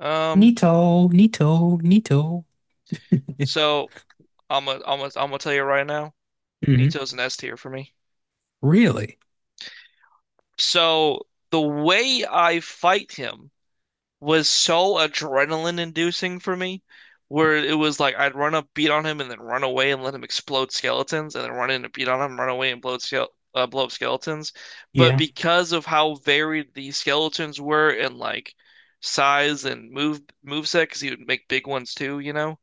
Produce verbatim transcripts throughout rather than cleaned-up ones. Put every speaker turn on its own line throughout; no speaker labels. Um,
Neato, neato, neato.
so I'm gonna I'm gonna I'm gonna tell you right now,
hmm
Nito's an S tier for me.
Really?
So the way I fight him was so adrenaline inducing for me, where it was like I'd run up, beat on him, and then run away and let him explode skeletons, and then run in and beat on him, run away and blow skele uh, blow up skeletons. But
Yeah.
because of how varied the skeletons were in like size and move move set, because he would make big ones too, you know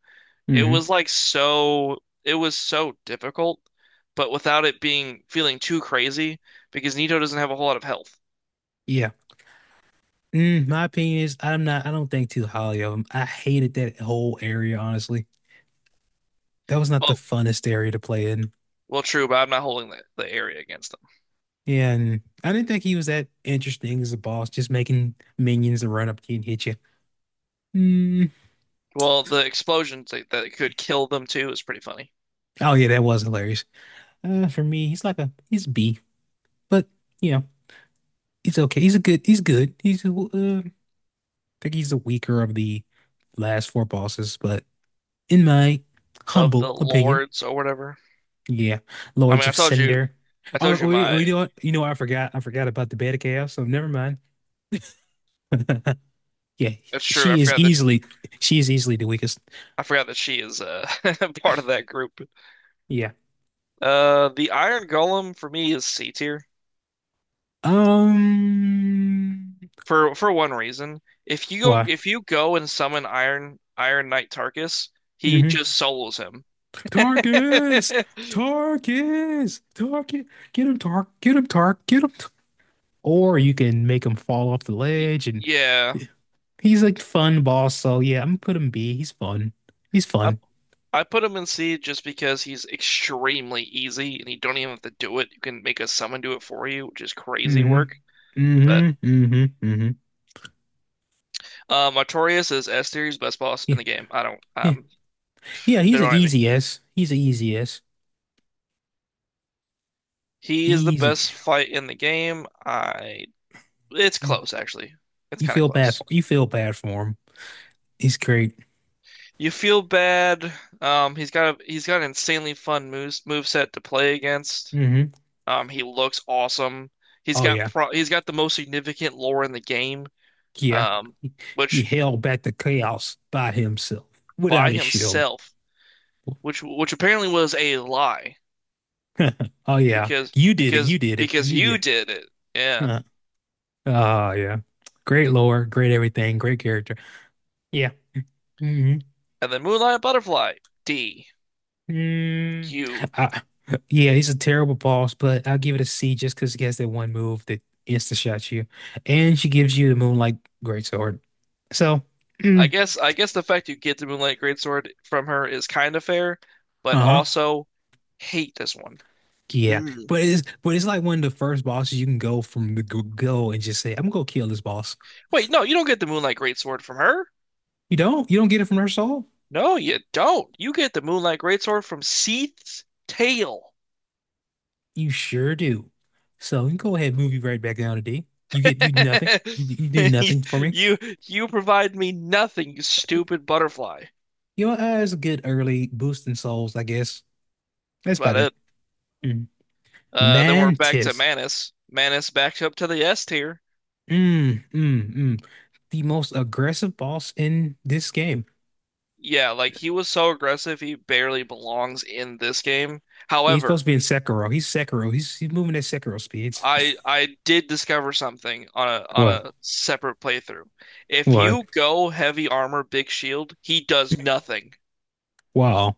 it
hmm
was like so, it was so difficult, but without it being feeling too crazy because Nito doesn't have a whole lot of health.
Yeah. Mm, my opinion is I'm not, I don't think too highly of him. I hated that whole area, honestly. That was not the
Oh,
funnest area to play in.
well, true, but I'm not holding the, the area against them.
Yeah, and I didn't think he was that interesting as a boss, just making minions and run up to you and hit you. Mm.
Well, the explosions that, that could kill them too is pretty funny.
Oh yeah, that was hilarious. Uh, for me, he's like a he's B, but you know, he's okay. He's a good. He's good. He's a, uh, I think he's the weaker of the last four bosses, but in my
Of
humble
the
opinion,
lords or whatever.
yeah,
I mean,
Lords
I
of
told you,
Cinder.
I
Oh,
told you
oh, you oh,
my.
you know what? You know what? I forgot. I forgot about the Bed of Chaos. So never mind. Yeah,
That's true. I
she is
forgot that
easily she is easily the weakest.
I forgot that she is uh part of that group.
Yeah.
Uh, the Iron Golem for me is C tier.
Um.
for for one reason. If you go
Why?
if you go and summon Iron Iron Knight Tarkus, he
Mm-hmm.
just solos him.
Tarkus, Tarkus, Tarkus. Get him, Tark. Get him, Tark. Get him. T- Or you can make him fall off the
Y-
ledge, and
Yeah,
he's like fun boss. So yeah, I'm gonna put him B. He's fun. He's
I
fun.
I put him in C just because he's extremely easy and you don't even have to do it. You can make a summon do it for you, which is crazy
Hmm
work. But
hmm hmm hmm
uh, Artorias is S tier, he's best boss
Yeah.
in the game. I don't
Yeah.
um
Yeah,
they
he's an
don't at me.
easy S. He's an easy S.
He is the
Easy.
best fight in the game. I it's
Yeah.
close actually. It's
You
kind of
feel bad for
close.
you feel bad for him. He's great.
You feel bad. Um, he's got a he's got an insanely fun moves moveset to play against.
Hmm
Um, he looks awesome. He's
Oh
got
yeah.
pro he's got the most significant lore in the game.
Yeah.
Um,
He
which
held back the chaos by himself without
by
his shield.
himself, which which apparently was a lie
Oh yeah.
because
You did it. You
because
did it.
because
You
you
did.
did it. Yeah.
Huh. Oh yeah. Great lore, great everything, great character. Yeah. Hmm.
And then Moonlight Butterfly D
Mm,
Q.
I, yeah, he's a terrible boss, but I'll give it a C just because he has that one move that insta shots you, and she gives you the Moonlight Greatsword. So,
I
mm,
guess I guess the fact you get the Moonlight Greatsword from her is kind of fair, but
uh-huh,
also hate this one.
yeah,
Mm.
but it's but it's like one of the first bosses you can go from the g- go and just say, "I'm gonna go kill this boss."
Wait, no, you don't get the Moonlight Greatsword from her.
You don't, you don't get it from her soul.
No, you don't. You get the Moonlight Greatsword from Seath's tail.
You sure do. So you can go ahead, move you right back down to D. You get you nothing. You, you do
You,
nothing for me.
you you provide me nothing, you stupid butterfly. That's
You know, uh, it's a good early boost in souls, I guess. That's
about
about it.
it. Uh, then we're back to
Mantis.
Manus. Manus backed up to the S tier.
Mm, mm, mm. The most aggressive boss in this game.
Yeah, like he was so aggressive, he barely belongs in this game.
Yeah, he's supposed
However,
to be in Sekiro. He's Sekiro. He's he's moving at Sekiro speeds.
I I did discover something on a on
What?
a separate playthrough. If
What?
you go heavy armor, big shield, he does nothing.
Wow.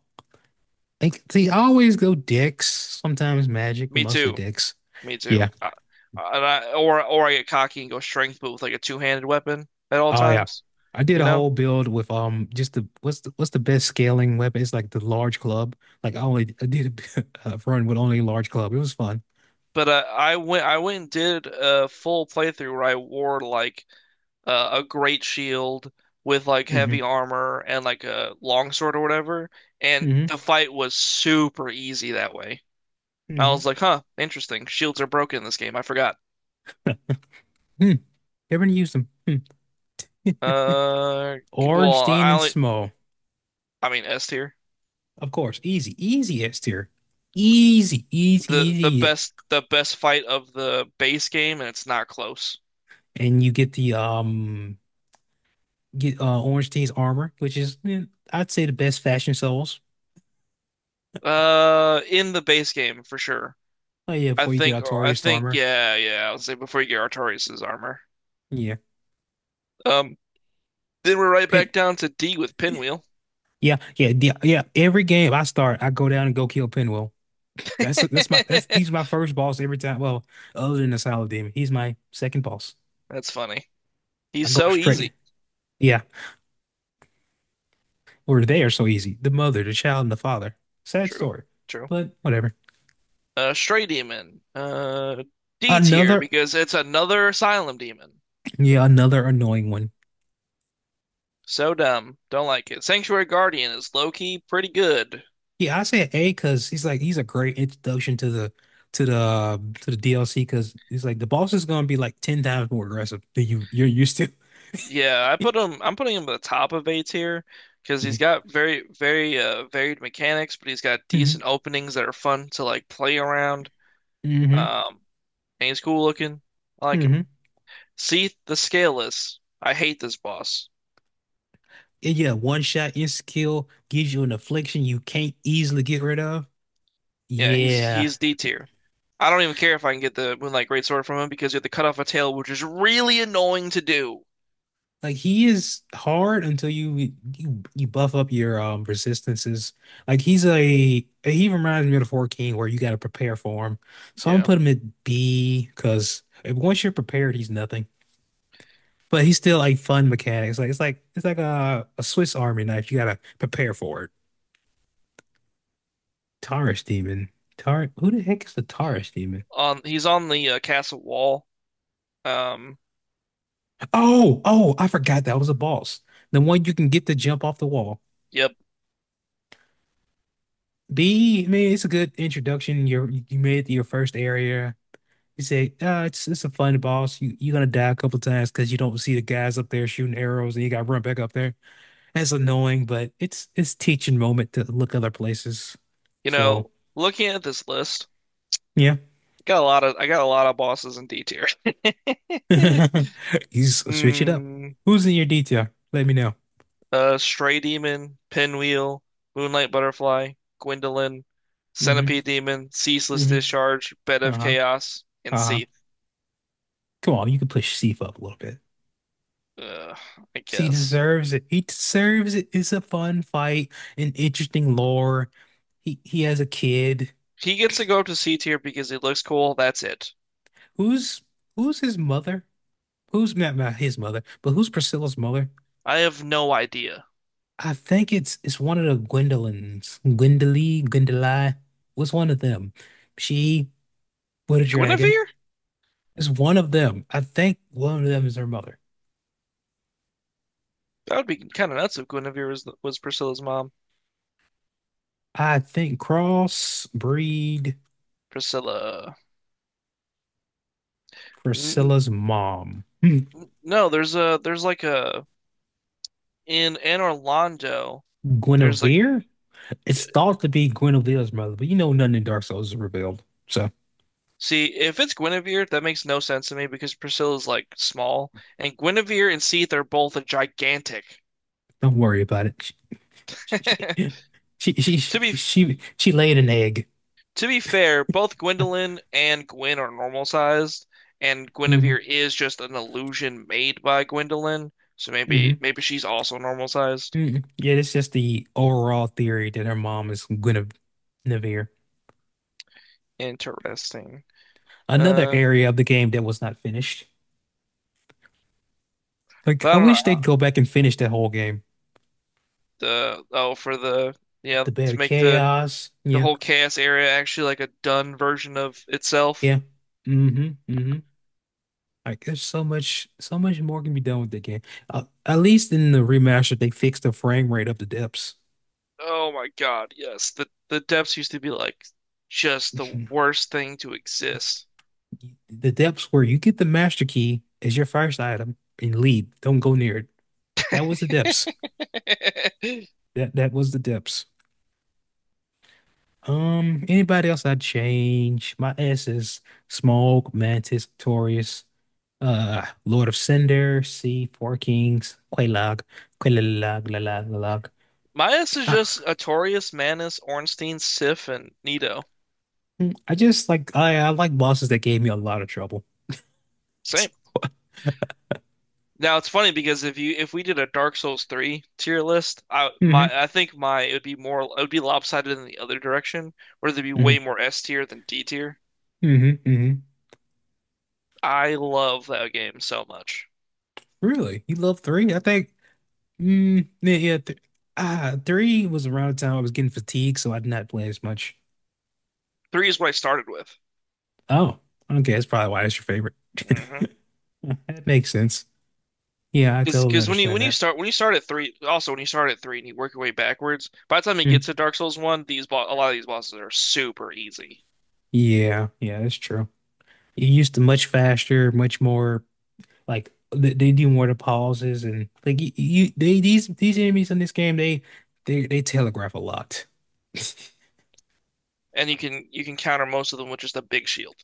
Like see, I always go dicks, sometimes magic, but
Me
mostly
too.
dicks.
Me
Yeah.
too. Uh, and I, or or I get cocky and go strength, but with like a two-handed weapon at all
Oh yeah.
times,
I did
you
a
know.
whole build with um just the what's the what's the best scaling weapon? It's like the large club. Like I only I did a a run with only large club. It was fun.
But uh, I went I went and did a full playthrough where I wore like uh, a great shield with like
Mm-hmm.
heavy armor and like a longsword or whatever, and
Mm-hmm.
the fight was super easy that way. I
Mm-hmm.
was like, huh, interesting. Shields are broken in this game. I forgot.
Hmm. Everyone used them. Hmm.
Uh, c- well,
Orange, Stein,
I
and
only
Smo.
I mean S tier.
Of course, easy, easy S tier, easy, easy,
the the
easy,
best the best fight of the base game, and it's not close.
and you get the um get uh Orange Team's armor, which is eh, I'd say the best fashion souls.
Uh, in the base game for sure.
Oh yeah,
I
before you get
think I
Artorias
think
armor,
yeah yeah. I'll say before you get Artorias armor.
yeah,
Um, then we're right
Pin,
back down to D with Pinwheel.
yeah, yeah, the, yeah. Every game I start, I go down and go kill Pinwheel. That's that's my that's He's my first boss every time. Well, other than the Silent Demon, he's my second boss.
That's funny.
I
He's
go
so
straight.
easy.
Yeah, or they are so easy. The mother, the child, and the father. Sad
True,
story,
true.
but whatever.
Uh, Stray Demon. Uh, D tier
Another.
because it's another Asylum Demon.
Yeah, another annoying one.
So dumb. Don't like it. Sanctuary Guardian is low key pretty good.
Yeah, I said A because he's like he's a great introduction to the to the uh, to the D L C because he's like the boss is gonna be like ten times more aggressive than you you're used to.
Yeah, I put him. I'm putting him at the top of A tier because
Yeah.
he's got very, very uh, varied mechanics, but he's got
hmm
decent openings that are fun to like play around.
hmm
Um, and he's cool looking. I like him.
hmm
See the Scaleless. I hate this boss.
Yeah, yeah, one shot insta kill gives you an affliction you can't easily get rid of.
Yeah, he's
Yeah.
he's D tier. I don't even care if I can get the Moonlight Greatsword from him because you have to cut off a tail, which is really annoying to do.
Like he is hard until you you you buff up your um resistances. Like he's a he reminds me of the Four King where you got to prepare for him. So I'm gonna
Yeah,
put him at B because once you're prepared, he's nothing. But he's still like fun mechanics. Like it's like it's like a, a Swiss Army knife. You gotta prepare for it. Taurus Demon. Tar, who the heck is the Taurus Demon?
on he's on the uh, castle wall. Um,
Oh, oh, I forgot that was a boss. The one you can get to jump off the wall.
yep.
B, I mean, it's a good introduction. You're, you made it to your first area. You say, uh, it's it's a fun boss. You you're gonna die a couple times because you don't see the guys up there shooting arrows, and you got to run back up there. That's annoying, but it's it's teaching moment to look other places.
You
So
know, looking at this list.
yeah,
Got a lot of I got a lot of bosses in D tier.
you s- switch it up.
Mm,
Who's in your detail? Let me know.
uh, Stray Demon, Pinwheel, Moonlight Butterfly, Gwendolyn,
Mm-hmm.
Centipede Demon, Ceaseless
Mm-hmm.
Discharge, Bed of
Uh-huh.
Chaos, and
Uh-huh.
Seath.
Come on, you can push Sif up a little.
Uh, I
He
guess.
deserves it. He deserves it. It's a fun fight, an interesting lore. He he has a kid.
He gets to go up to C tier because he looks cool. That's it.
Who's Who's his mother? Who's not, Not his mother, but who's Priscilla's mother?
I have no idea.
I think it's it's one of the Gwendolyns. Gwendoly, Gwendolyn. Was one of them. She with a dragon.
Guinevere?
It's one of them. I think one of them is her mother.
That would be kind of nuts if Guinevere was was Priscilla's mom.
I think crossbreed
Priscilla. N
Priscilla's mom.
n- no, there's a there's like a in in Orlando. There's like
Guinevere? It's thought to be Guinevere's mother, but you know nothing in Dark Souls is revealed, so
see, if it's Guinevere, that makes no sense to me because Priscilla's like small, and Guinevere and Seath are both gigantic.
don't worry about it. She she she she
To be
she, she, she laid an egg.
to be fair, both Gwendolyn and Gwen are normal sized, and
Hmm
Guinevere is just an illusion made by Gwendolyn. So maybe
hmm
maybe she's also normal sized.
hmm Yeah, it's just the overall theory that her mom is Guinevere.
Interesting.
Another
Uh,
area of the game that was not finished.
but
Like I
I don't
wish
know.
they'd go back and finish that whole game.
The oh for the yeah
The Bed
to
of
make the
Chaos.
the
Yeah,
whole chaos area actually like a done version of itself.
yeah. hmm hmm Like there's so much, so much more can be done with the game. Uh, at least in the remaster, they fixed the frame rate of the depths.
Oh my God, yes. The the depths used to be like just the worst thing to exist.
Mhm. The depths where you get the master key as your first item and leave. Don't go near it. That was the depths. That that was the depths. Um, anybody else I'd change? My S is Smaug, Mantis, Torius, uh, Lord of Cinder, C, Four Kings, Quelaag, Quelaag, Lalag, Lalag.
Midas is
I,
just Artorias, Manus, Ornstein, Sif, and Nito.
I just like I, I like bosses that gave me a lot of trouble.
Same. Now it's funny because if you if we did a Dark Souls three tier list, I
Hmm
my I think my it would be more it would be lopsided in the other direction, where there'd be way
hmm
more S tier than D tier.
hmm hmm
I love that game so much.
Really? You love three? I think. Mm, yeah. Yeah th ah, three was around the time I was getting fatigued, so I did not play as much.
Three is what I started with.
Oh, okay. That's probably why it's your favorite.
Hmm
That makes sense. Yeah, I totally
Because when you
understand
when you
that.
start when you start at three, also when you start at three and you work your way backwards, by the time you
Mm.
get to Dark Souls one, these bo a lot of these bosses are super easy,
Yeah, yeah, that's true. You used to much faster, much more like they, they do more to pauses and like you, you they, these these enemies in this game they they they telegraph a lot.
and you can you can counter most of them with just a big shield.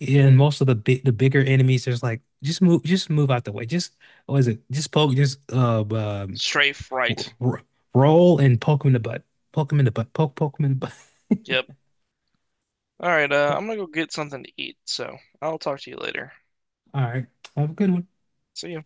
Yeah, and most of the big, the bigger enemies, there's like just move, just move out the way. Just what is it? Just poke, just uh, um,
Strafe
r
right.
r- roll and poke him in the butt. Poke him in the butt. Poke, poke him in the butt.
Yep. All right. Uh, I'm gonna go get something to eat, so I'll talk to you later.
All right, have a good one.
See ya.